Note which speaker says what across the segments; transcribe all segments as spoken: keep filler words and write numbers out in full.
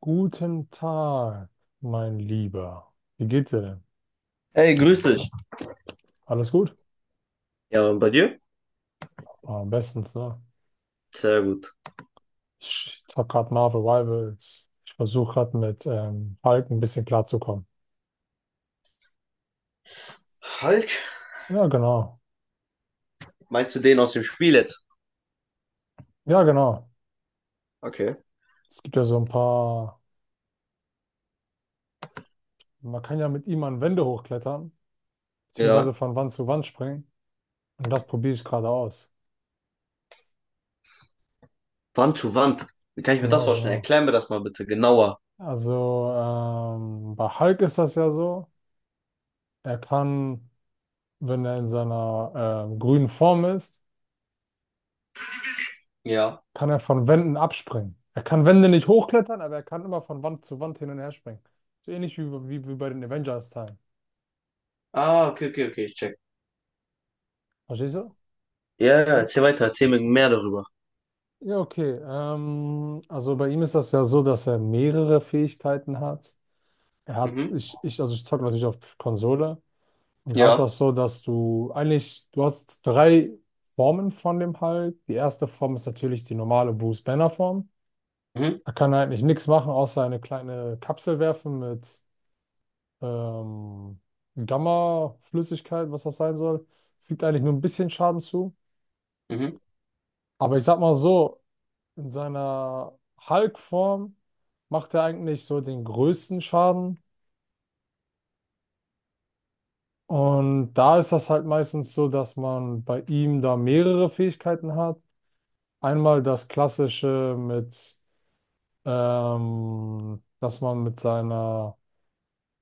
Speaker 1: Guten Tag, mein Lieber. Wie geht's dir denn?
Speaker 2: Hey, grüß dich.
Speaker 1: Alles gut?
Speaker 2: Ja, und bei dir?
Speaker 1: Ah, bestens, ne?
Speaker 2: Sehr gut.
Speaker 1: Ich hab gerade Marvel Rivals. Ich versuche gerade mit ähm, Hulk ein bisschen klarzukommen.
Speaker 2: Hulk?
Speaker 1: Ja, genau.
Speaker 2: Meinst du den aus dem Spiel jetzt?
Speaker 1: Ja, genau.
Speaker 2: Okay.
Speaker 1: Es gibt ja so ein paar. Man kann ja mit ihm an Wände hochklettern, beziehungsweise
Speaker 2: Ja.
Speaker 1: von Wand zu Wand springen. Und das probiere ich gerade aus.
Speaker 2: Wand zu Wand. Wie kann ich mir das
Speaker 1: Genau,
Speaker 2: vorstellen?
Speaker 1: genau.
Speaker 2: Erklär mir das mal bitte genauer.
Speaker 1: Also ähm, bei Hulk ist das ja so. Er kann, wenn er in seiner ähm, grünen Form ist,
Speaker 2: Ja.
Speaker 1: kann er von Wänden abspringen. Er kann Wände nicht hochklettern, aber er kann immer von Wand zu Wand hin und her springen. So ähnlich wie, wie, wie bei den Avengers-Teilen.
Speaker 2: Ah, okay, okay, okay, ich check.
Speaker 1: Verstehst du?
Speaker 2: Ja, ja, erzähl weiter, erzähl mir mehr darüber.
Speaker 1: Ja, okay. Ähm, also bei ihm ist das ja so, dass er mehrere Fähigkeiten hat. Er hat,
Speaker 2: Mhm.
Speaker 1: ich, ich, also ich zocke natürlich auf Konsole. Und da ist
Speaker 2: Ja.
Speaker 1: das so, dass du eigentlich, du hast drei Formen von dem Hulk. Die erste Form ist natürlich die normale Bruce Banner Form.
Speaker 2: Mhm.
Speaker 1: Da kann er eigentlich nichts machen, außer eine kleine Kapsel werfen mit ähm, Gamma-Flüssigkeit, was das sein soll, fügt eigentlich nur ein bisschen Schaden zu.
Speaker 2: Mhm.
Speaker 1: Aber ich sag mal so, in seiner Hulk-Form macht er eigentlich so den größten Schaden. Und da ist das halt meistens so, dass man bei ihm da mehrere Fähigkeiten hat. Einmal das klassische mit, ähm, dass man mit seiner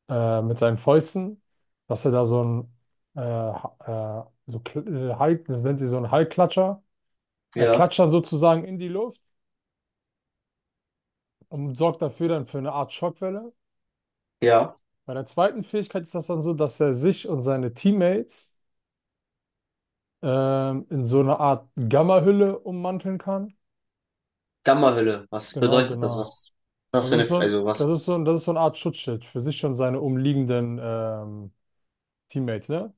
Speaker 1: äh, mit seinen Fäusten, dass er da so ein, äh, ha- äh, so, kl- äh, Hall- das nennt sie so ein Hallklatscher. Er
Speaker 2: Ja.
Speaker 1: klatscht dann sozusagen in die Luft und sorgt dafür dann für eine Art Schockwelle.
Speaker 2: Ja.
Speaker 1: Bei der zweiten Fähigkeit ist das dann so, dass er sich und seine Teammates ähm, in so eine Art Gamma-Hülle ummanteln kann.
Speaker 2: Gamma-Hülle. Was
Speaker 1: Genau,
Speaker 2: bedeutet das? Was
Speaker 1: genau.
Speaker 2: ist das
Speaker 1: Das
Speaker 2: für eine,
Speaker 1: ist so
Speaker 2: F-
Speaker 1: ein,
Speaker 2: also was?
Speaker 1: das ist so ein, das ist so eine Art Schutzschild für sich und seine umliegenden ähm, Teammates, ne?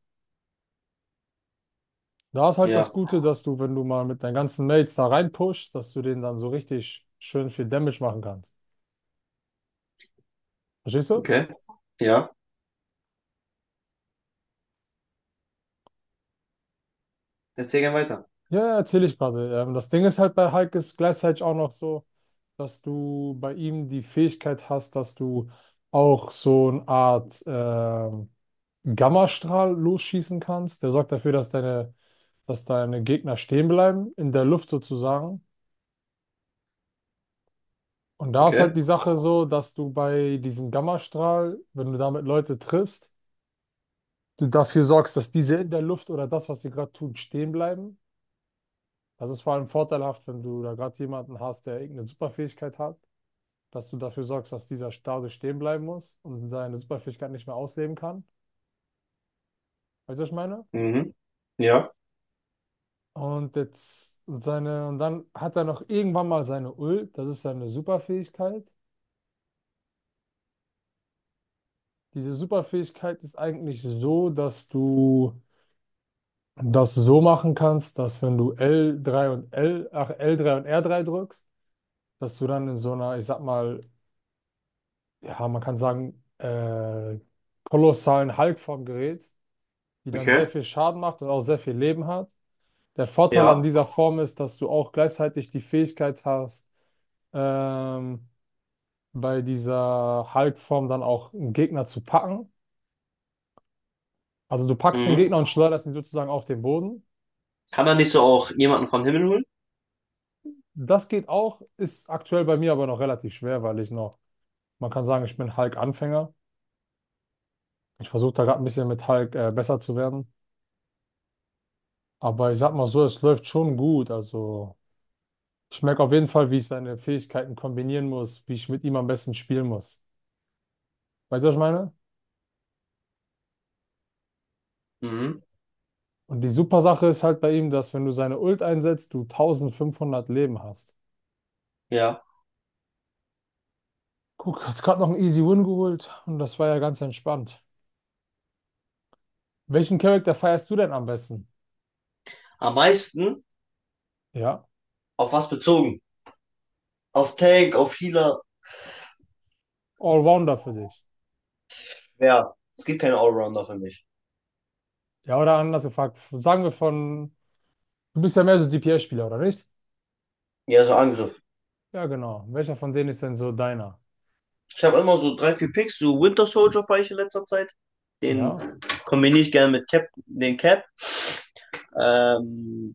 Speaker 1: Da ist halt
Speaker 2: Ja.
Speaker 1: das Gute, dass du, wenn du mal mit deinen ganzen Mates da reinpushst, dass du denen dann so richtig schön viel Damage machen kannst. Verstehst du?
Speaker 2: Okay. Ja. Erzähl gerne weiter.
Speaker 1: Ja, ja, erzähl ich gerade. Ähm, das Ding ist halt bei Hulk ist gleichzeitig auch noch so, dass du bei ihm die Fähigkeit hast, dass du auch so eine Art ähm, Gammastrahl losschießen kannst. Der sorgt dafür, dass deine, dass deine Gegner stehen bleiben, in der Luft sozusagen. Und da ist halt
Speaker 2: Okay.
Speaker 1: die Sache so, dass du bei diesem Gammastrahl, wenn du damit Leute triffst, du dafür sorgst, dass diese in der Luft oder das, was sie gerade tun, stehen bleiben. Das ist vor allem vorteilhaft, wenn du da gerade jemanden hast, der irgendeine Superfähigkeit hat, dass du dafür sorgst, dass dieser dadurch stehen bleiben muss und seine Superfähigkeit nicht mehr ausleben kann. Weißt du, was ich meine?
Speaker 2: Mhm. Ja.
Speaker 1: Und jetzt und seine und dann hat er noch irgendwann mal seine Ult, das ist seine Superfähigkeit. Diese Superfähigkeit ist eigentlich so, dass du das so machen kannst, dass wenn du L drei und L, ach, L drei und R drei drückst, dass du dann in so einer, ich sag mal, ja, man kann sagen, äh, kolossalen Hulk vom Gerät, die dann sehr
Speaker 2: Okay.
Speaker 1: viel Schaden macht und auch sehr viel Leben hat. Der Vorteil an
Speaker 2: Ja.
Speaker 1: dieser Form ist, dass du auch gleichzeitig die Fähigkeit hast, ähm, bei dieser Hulk-Form dann auch einen Gegner zu packen. Also du packst den
Speaker 2: Mhm.
Speaker 1: Gegner und schleuderst ihn sozusagen auf den Boden.
Speaker 2: Kann man nicht so auch jemanden vom Himmel holen?
Speaker 1: Das geht auch, ist aktuell bei mir aber noch relativ schwer, weil ich noch, man kann sagen, ich bin Hulk-Anfänger. Ich versuche da gerade ein bisschen mit Hulk äh, besser zu werden. Aber ich sag mal so, es läuft schon gut. Also ich merke auf jeden Fall, wie ich seine Fähigkeiten kombinieren muss, wie ich mit ihm am besten spielen muss. Weißt du, was ich meine?
Speaker 2: Mhm.
Speaker 1: Und die super Sache ist halt bei ihm, dass wenn du seine Ult einsetzt, du eintausendfünfhundert Leben hast.
Speaker 2: Ja.
Speaker 1: Guck, hast gerade noch einen Easy Win geholt und das war ja ganz entspannt. Welchen Charakter feierst du denn am besten?
Speaker 2: Am meisten
Speaker 1: Ja,
Speaker 2: auf was bezogen? Auf Tank, auf Healer.
Speaker 1: Allrounder für dich.
Speaker 2: Ja, es gibt keine Allrounder für mich.
Speaker 1: Ja, oder anders gefragt, sagen wir von, du bist ja mehr so D P S-Spieler, oder nicht?
Speaker 2: Ja, so Angriff.
Speaker 1: Ja, genau. Welcher von denen ist denn so deiner?
Speaker 2: Ich habe immer so drei, vier Picks. So Winter Soldier fahre ich in letzter Zeit. Den
Speaker 1: Ja,
Speaker 2: kombiniere ich gerne mit Cap, den Cap. Ähm,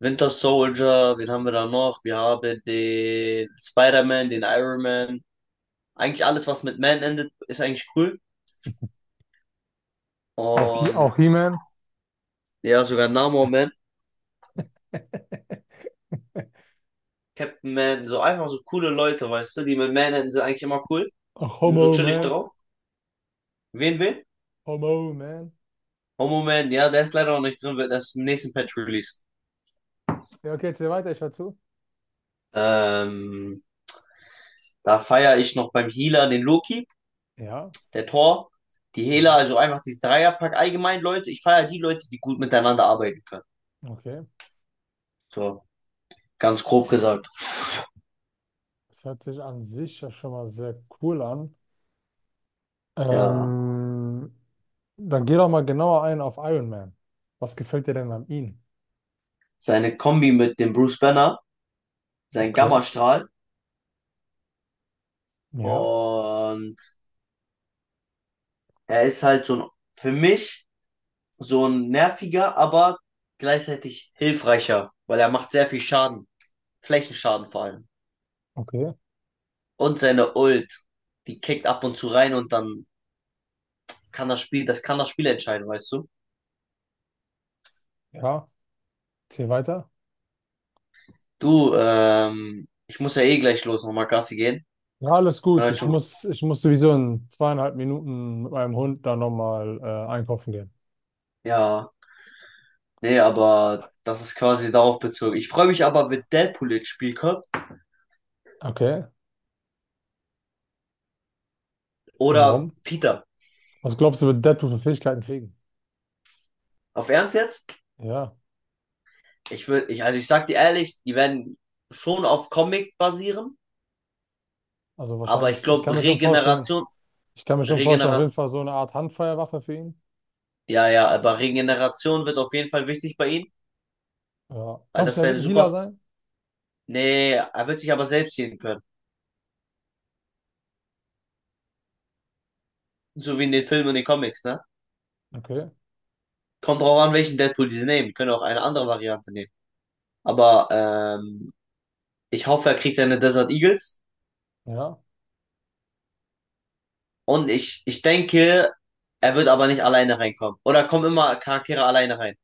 Speaker 2: Winter Soldier, wen haben wir da noch? Wir haben den Spider-Man, den Iron Man. Eigentlich alles, was mit Man endet, ist eigentlich cool.
Speaker 1: auch, He,
Speaker 2: Und
Speaker 1: auch He-Man,
Speaker 2: ja, sogar Namor Man, Captain Man, so einfach so coole Leute, weißt du, die mit Man enden, sind eigentlich immer cool.
Speaker 1: auch
Speaker 2: Die sind so chillig
Speaker 1: Homo-Man,
Speaker 2: drauf. Wen, wen?
Speaker 1: Homo-Man.
Speaker 2: Oh, Moment, ja, der ist leider noch nicht drin, wird erst im nächsten Patch released.
Speaker 1: Ja, okay, erzähl weiter, ich hör zu.
Speaker 2: Ähm, da feiere ich noch beim Healer den Loki,
Speaker 1: Ja,
Speaker 2: der Thor, die Hela,
Speaker 1: ja,
Speaker 2: also einfach dieses Dreierpack allgemein, Leute. Ich feiere die Leute, die gut miteinander arbeiten können.
Speaker 1: okay.
Speaker 2: So, ganz grob gesagt.
Speaker 1: Das hört sich an sich ja schon mal sehr cool an.
Speaker 2: Ja,
Speaker 1: Ähm, dann geh doch mal genauer ein auf Iron Man. Was gefällt dir denn an ihm?
Speaker 2: seine Kombi mit dem Bruce Banner, sein
Speaker 1: Okay,
Speaker 2: Gammastrahl
Speaker 1: ja,
Speaker 2: und er ist halt so ein, für mich so ein nerviger, aber gleichzeitig hilfreicher, weil er macht sehr viel Schaden. Flächenschaden vor allem.
Speaker 1: okay,
Speaker 2: Und seine Ult, die kickt ab und zu rein und dann kann das Spiel, das kann das Spiel entscheiden, weißt du?
Speaker 1: ja, erzähl weiter.
Speaker 2: Du, ähm, ich muss ja eh gleich los, nochmal Gassi gehen.
Speaker 1: Ja, alles gut.
Speaker 2: Vielleicht
Speaker 1: Ich
Speaker 2: schon,
Speaker 1: muss, ich muss sowieso in zweieinhalb Minuten mit meinem Hund da nochmal äh, einkaufen gehen.
Speaker 2: ja, nee, aber das ist quasi darauf bezogen. Ich freue mich aber, wenn Deadpool ins Spiel kommt
Speaker 1: Okay,
Speaker 2: oder
Speaker 1: warum?
Speaker 2: Peter.
Speaker 1: Was glaubst du, wird Deadpool für Fähigkeiten kriegen?
Speaker 2: Auf Ernst jetzt?
Speaker 1: Ja,
Speaker 2: Ich will, ich, also ich sag dir ehrlich, die werden schon auf Comic basieren,
Speaker 1: also
Speaker 2: aber ich
Speaker 1: wahrscheinlich. Ich kann
Speaker 2: glaube
Speaker 1: mir schon vorstellen,
Speaker 2: Regeneration,
Speaker 1: Ich kann mir schon vorstellen, auf jeden
Speaker 2: Regeneration,
Speaker 1: Fall so eine Art Handfeuerwaffe für ihn.
Speaker 2: ja, ja, aber Regeneration wird auf jeden Fall wichtig bei ihnen,
Speaker 1: Ja.
Speaker 2: weil
Speaker 1: Glaubst du,
Speaker 2: das
Speaker 1: er wird
Speaker 2: seine
Speaker 1: ein Healer
Speaker 2: super.
Speaker 1: sein?
Speaker 2: Nee, er wird sich aber selbst sehen können. So wie in den Filmen und den Comics, ne?
Speaker 1: Okay.
Speaker 2: Kommt drauf an, welchen Deadpool die sie nehmen. Die können auch eine andere Variante nehmen. Aber ähm, ich hoffe, er kriegt seine Desert Eagles.
Speaker 1: Ja.
Speaker 2: Und ich, ich denke, er wird aber nicht alleine reinkommen. Oder kommen immer Charaktere alleine rein.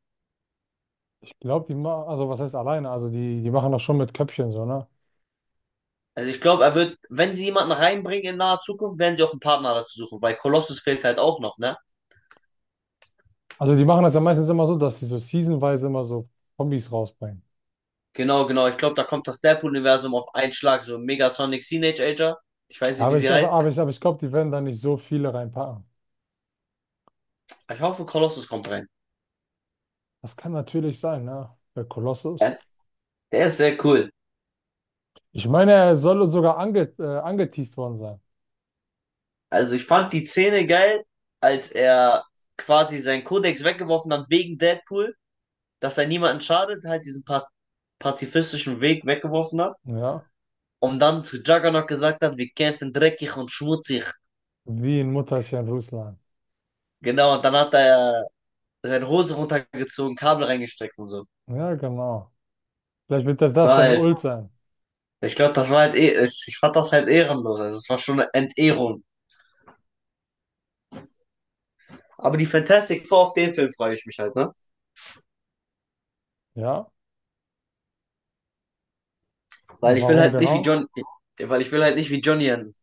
Speaker 1: Ich glaube, die machen, also was heißt alleine? Also die, die machen das schon mit Köpfchen so, ne?
Speaker 2: Also ich glaube, er wird, wenn sie jemanden reinbringen in naher Zukunft, werden sie auch einen Partner dazu suchen. Weil Colossus fehlt halt auch noch, ne?
Speaker 1: Also die machen das ja meistens immer so, dass sie so seasonweise immer so Kombis rausbringen.
Speaker 2: Genau, genau. Ich glaube, da kommt das Deadpool-Universum auf einen Schlag. So Megasonic Teenage Ager. Ich weiß
Speaker 1: Ja,
Speaker 2: nicht, wie
Speaker 1: aber ich,
Speaker 2: sie
Speaker 1: aber,
Speaker 2: heißt.
Speaker 1: aber ich, aber ich glaube, die werden da nicht so viele reinpacken.
Speaker 2: Ich hoffe, Colossus kommt rein.
Speaker 1: Das kann natürlich sein, ne? Bei
Speaker 2: Er
Speaker 1: Kolossus.
Speaker 2: ist- Der ist sehr cool.
Speaker 1: Ich meine, er soll sogar ange, äh, angeteased worden sein.
Speaker 2: Also ich fand die Szene geil, als er quasi seinen Kodex weggeworfen hat wegen Deadpool, dass er niemanden schadet, halt diesen pa pazifistischen Weg weggeworfen hat
Speaker 1: Ja.
Speaker 2: und dann zu Juggernaut gesagt hat, wir kämpfen dreckig und schmutzig.
Speaker 1: Wie in Mutterchen Russland.
Speaker 2: Genau, und dann hat er seine Hose runtergezogen, Kabel reingesteckt und so.
Speaker 1: Ja, genau. Vielleicht wird das,
Speaker 2: Das
Speaker 1: das
Speaker 2: war
Speaker 1: seine
Speaker 2: halt,
Speaker 1: Ult sein.
Speaker 2: ich glaube, das war halt, eh- es- ich fand das halt ehrenlos. Also es war schon eine Entehrung. Aber die Fantastic Four auf den Film freue ich mich halt, ne?
Speaker 1: Ja.
Speaker 2: Weil ich will
Speaker 1: Warum
Speaker 2: halt nicht wie
Speaker 1: genau?
Speaker 2: John, weil ich will halt nicht wie Johnny enden.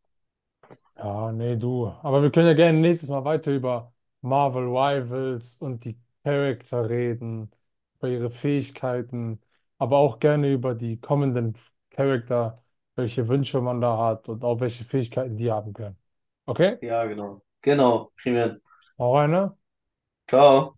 Speaker 1: Ja, nee, du. Aber wir können ja gerne nächstes Mal weiter über Marvel Rivals und die Charakter reden, über ihre Fähigkeiten, aber auch gerne über die kommenden Charakter, welche Wünsche man da hat und auch welche Fähigkeiten die haben können. Okay?
Speaker 2: Ja, genau. Genau, prima.
Speaker 1: Hau rein, ne?
Speaker 2: Ciao.